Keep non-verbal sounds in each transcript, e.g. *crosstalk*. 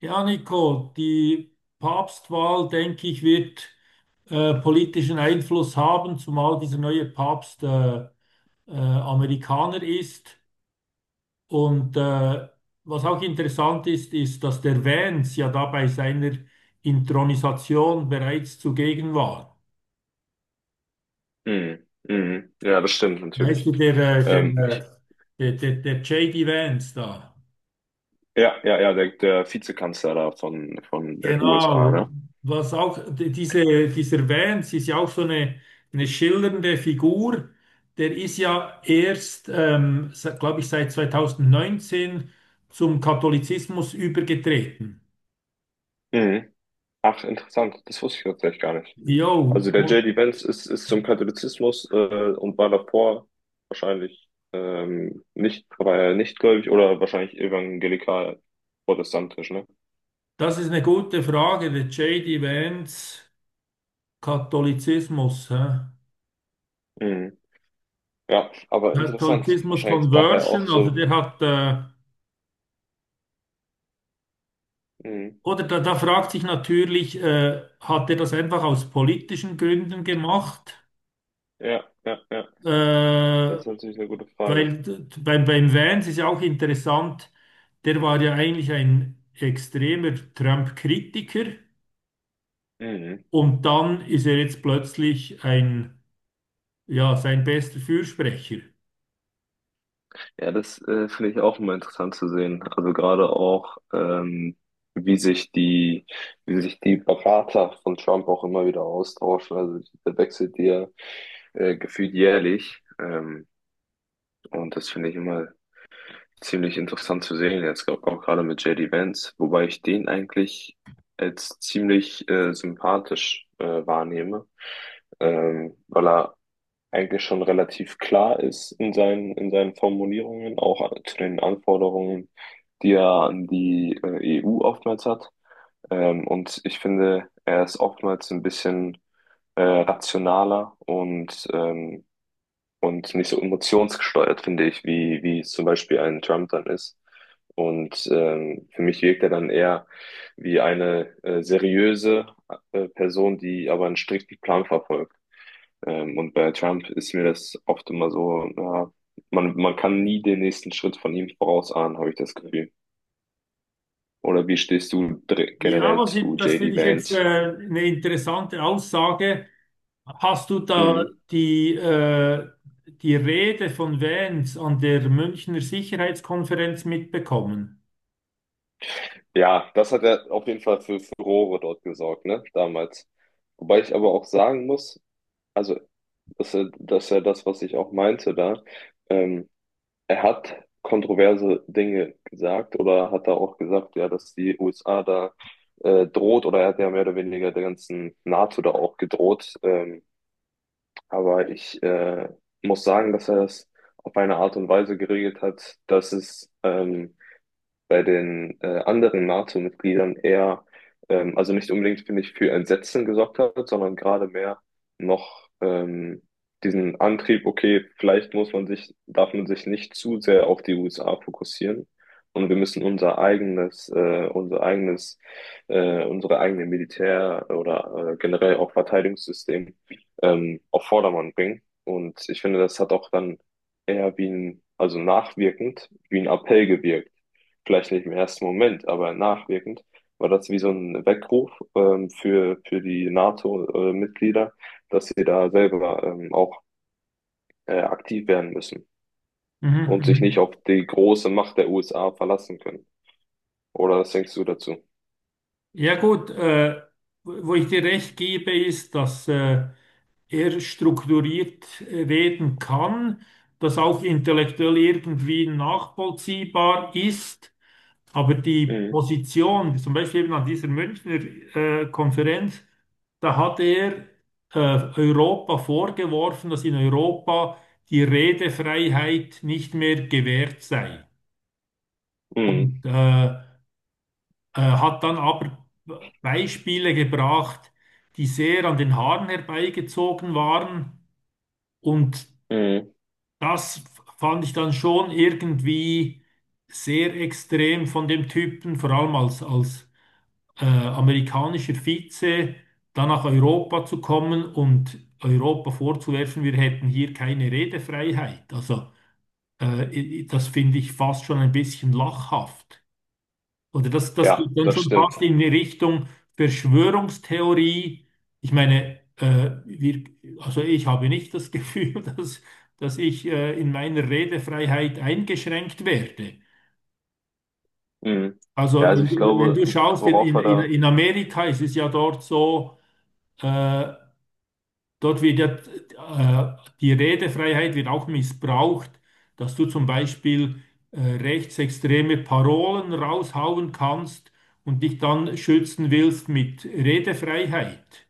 Ja, Nico, die Papstwahl, denke ich, wird politischen Einfluss haben, zumal dieser neue Papst Amerikaner ist. Und was auch interessant ist, ist, dass der Vance ja da bei seiner Inthronisation bereits zugegen war. Mhm. Mhm. Ja, das stimmt Weißt du, natürlich. der, äh, der, Ich, äh, der, der, der J.D. Vance da. ja, ja, ja, der, der Vizekanzler da von den USA, Genau, ne? was auch dieser Vance ist ja auch so eine schillernde Figur. Der ist ja erst, glaube ich, seit 2019 zum Katholizismus übergetreten. Mhm. Ach, interessant. Das wusste ich tatsächlich gar nicht. Jo, Also der J. und D. Vance ist, ist zum Katholizismus und war davor wahrscheinlich nicht, war er nicht gläubig oder wahrscheinlich evangelikal protestantisch, ne? das ist eine gute Frage, der J D Vance, Katholizismus. Hä? Mhm. Ja, aber interessant. Katholizismus Wahrscheinlich daher auch Conversion, also so. der hat, Mhm. oder da fragt sich natürlich, hat er das einfach aus politischen Gründen gemacht? Ja, ja, ja. Das Äh, ist natürlich eine gute Frage. weil beim Vance ist ja auch interessant, der war ja eigentlich ein extremer Trump-Kritiker Mhm. und dann ist er jetzt plötzlich ja, sein bester Fürsprecher. Ja, das finde ich auch immer interessant zu sehen. Also gerade auch, wie sich die, wie sich die Berater von Trump auch immer wieder austauschen. Also der wechselt ja gefühlt jährlich. Und das finde ich immer ziemlich interessant zu sehen. Jetzt glaub, auch gerade mit J D Vance, wobei ich den eigentlich als ziemlich sympathisch wahrnehme, weil er eigentlich schon relativ klar ist in seinen Formulierungen, auch zu den Anforderungen, die er an die EU oftmals hat. Und ich finde, er ist oftmals ein bisschen rationaler und nicht so emotionsgesteuert, finde ich, wie, wie es zum Beispiel ein Trump dann ist. Und für mich wirkt er dann eher wie eine seriöse Person, die aber einen strikten Plan verfolgt. Und bei Trump ist mir das oft immer so, ja, man kann nie den nächsten Schritt von ihm vorausahnen, habe ich das Gefühl. Oder wie stehst du Ja, generell zu das JD finde ich jetzt Vance? eine interessante Aussage. Hast du da Mhm. die, äh, die Rede von Vance an der Münchner Sicherheitskonferenz mitbekommen? Ja, das hat ja auf jeden Fall für Furore dort gesorgt, ne, damals. Wobei ich aber auch sagen muss, also, dass er das, was ich auch meinte da, ähm, er hat kontroverse Dinge gesagt oder hat er auch gesagt, ja, dass die USA da droht oder er hat ja mehr oder weniger der ganzen NATO da auch gedroht. Aber ich muss sagen, dass er es auf eine Art und Weise geregelt hat, dass es bei den anderen NATO-Mitgliedern eher, also nicht unbedingt, finde ich, für Entsetzen gesorgt hat, sondern gerade mehr noch diesen Antrieb, okay, vielleicht muss man sich, darf man sich nicht zu sehr auf die USA fokussieren und wir müssen unser eigenes, unsere eigene Militär- oder generell auch Verteidigungssystem auf Vordermann bringen. Und ich finde, das hat auch dann eher wie ein, also nachwirkend, wie ein Appell gewirkt, vielleicht nicht im ersten Moment, aber nachwirkend, war das wie so ein Weckruf für die NATO-Mitglieder, dass sie da selber auch aktiv werden müssen Mhm, und sich nicht mhm. auf die große Macht der USA verlassen können. Oder was denkst du dazu? Ja gut, wo ich dir recht gebe, ist, dass er strukturiert reden kann, das auch intellektuell irgendwie nachvollziehbar ist, aber die Mhm. Position, zum Beispiel eben an dieser Münchner Konferenz, da hat er äh, Europa vorgeworfen, dass in Europa die Redefreiheit nicht mehr gewährt sei. Mhm. Und hat dann aber Beispiele gebracht, die sehr an den Haaren herbeigezogen waren. Und Mhm. das fand ich dann schon irgendwie sehr extrem von dem Typen, vor allem als amerikanischer Vize, dann nach Europa zu kommen und Europa vorzuwerfen, wir hätten hier keine Redefreiheit. Also äh, das finde ich fast schon ein bisschen lachhaft. Oder das Ja, geht dann das schon stimmt. fast in die Richtung Verschwörungstheorie. Ich meine, also ich habe nicht das Gefühl, *laughs* dass ich in meiner Redefreiheit eingeschränkt werde. Mhm. Ja, Also also ich wenn glaube, du schaust, worauf wir da. in Amerika ist es ja dort so, äh, dort wird ja die Redefreiheit wird auch missbraucht, dass du zum Beispiel rechtsextreme Parolen raushauen kannst und dich dann schützen willst mit Redefreiheit.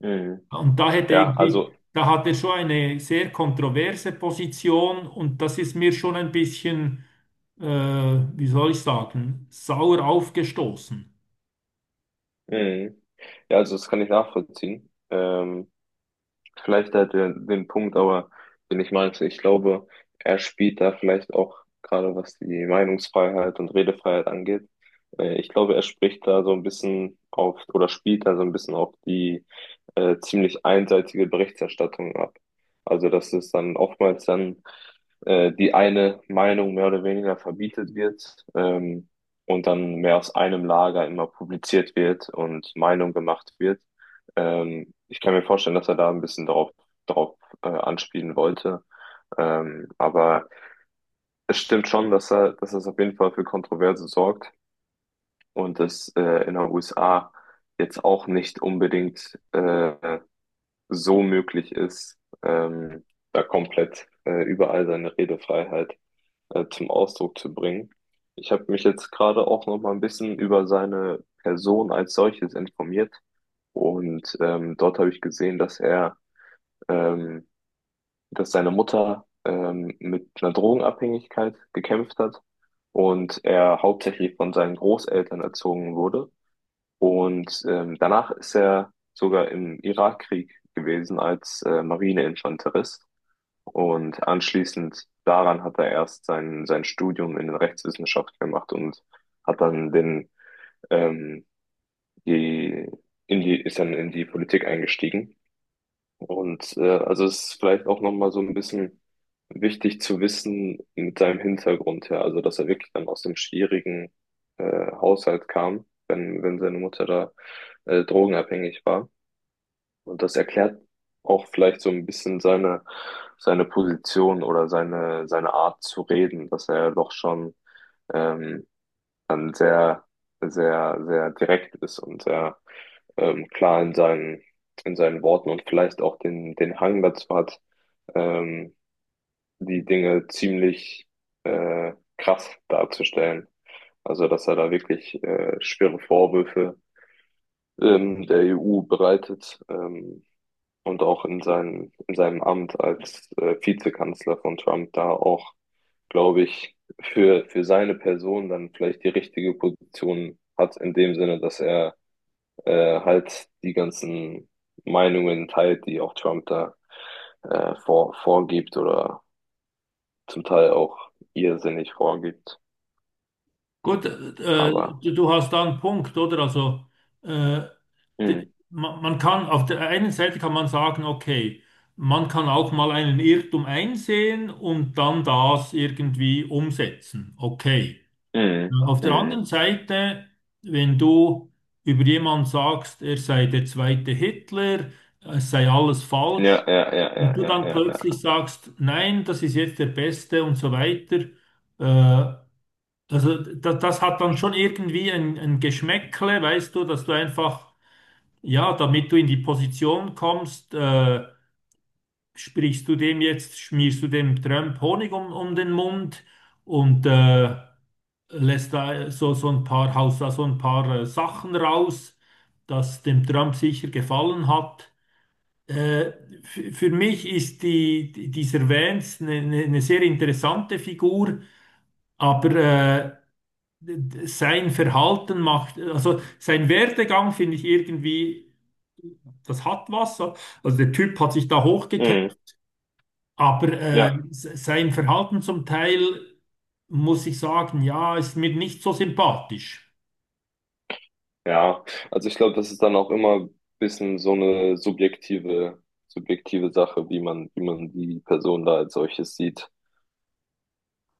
Mhm. Und daher Ja, denke ich, also. da hat er schon eine sehr kontroverse Position und das ist mir schon ein bisschen, wie soll ich sagen, sauer aufgestoßen. Mhm. Ja, also das kann ich nachvollziehen. Vielleicht halt den, den Punkt, aber den ich meinte, ich glaube, er spielt da vielleicht auch gerade was die Meinungsfreiheit und Redefreiheit angeht. Ich glaube, er spricht da so ein bisschen auf oder spielt da so ein bisschen auf die ziemlich einseitige Berichterstattung ab. Also, dass es dann oftmals dann die eine Meinung mehr oder weniger verbietet wird, und dann mehr aus einem Lager immer publiziert wird und Meinung gemacht wird. Ich kann mir vorstellen, dass er da ein bisschen drauf, drauf anspielen wollte. Aber es stimmt schon, dass er, dass es auf jeden Fall für Kontroverse sorgt und das in den USA jetzt auch nicht unbedingt so möglich ist, ähm, da komplett überall seine Redefreiheit zum Ausdruck zu bringen. Ich habe mich jetzt gerade auch noch mal ein bisschen über seine Person als solches informiert und dort habe ich gesehen, dass er ähm, dass seine Mutter mit einer Drogenabhängigkeit gekämpft hat und er hauptsächlich von seinen Großeltern erzogen wurde. Und danach ist er sogar im Irakkrieg gewesen als Marineinfanterist. Und anschließend daran hat er erst sein, sein Studium in den Rechtswissenschaften gemacht und hat dann den, ähm, die, in die, ist dann in die Politik eingestiegen. Und also es ist vielleicht auch nochmal so ein bisschen wichtig zu wissen mit seinem Hintergrund her, also dass er wirklich dann aus dem schwierigen Haushalt kam, wenn, wenn seine Mutter da drogenabhängig war. Und das erklärt auch vielleicht so ein bisschen seine, seine Position oder seine, seine Art zu reden, dass er doch schon ähm, dann sehr, sehr, sehr direkt ist und sehr klar in seinen Worten und vielleicht auch den, den Hang dazu hat, ähm, die Dinge ziemlich krass darzustellen. Also, dass er da wirklich schwere Vorwürfe der EU bereitet, und auch in seinem Amt als Vizekanzler von Trump da auch, glaube ich, für seine Person dann vielleicht die richtige Position hat, in dem Sinne, dass er halt die ganzen Meinungen teilt, die auch Trump da vor, vorgibt oder zum Teil auch irrsinnig vorgibt. Gut, Aber du hast da einen Punkt, oder? Also äh, d- mm, man kann, auf der einen Seite kann man sagen, okay, man kann auch mal einen Irrtum einsehen und dann das irgendwie umsetzen. Okay. mm, Auf der anderen mm. Seite, wenn du über jemanden sagst, er sei der zweite Hitler, es sei alles Ja, falsch, ja, ja, ja, und du ja, dann ja, plötzlich ja. sagst, nein, das ist jetzt der Beste und so weiter, äh, also das hat dann schon irgendwie ein Geschmäckle, weißt du, dass du einfach ja, damit du in die Position kommst, sprichst du dem jetzt, schmierst du dem Trump Honig um den Mund und lässt da so ein paar, haust da so ein paar Sachen raus, das dem Trump sicher gefallen hat. Äh, für mich ist dieser Vance eine eine sehr interessante Figur, aber sein Verhalten macht, also sein Werdegang finde ich irgendwie, das hat was. So. Also der Typ hat sich da Mm, hochgekämpft, aber ja, sein Verhalten zum Teil, muss ich sagen, ja, ist mir nicht so sympathisch. ja. Also ich glaube, das ist dann auch immer ein bisschen so eine subjektive, subjektive Sache, wie man die Person da als solches sieht.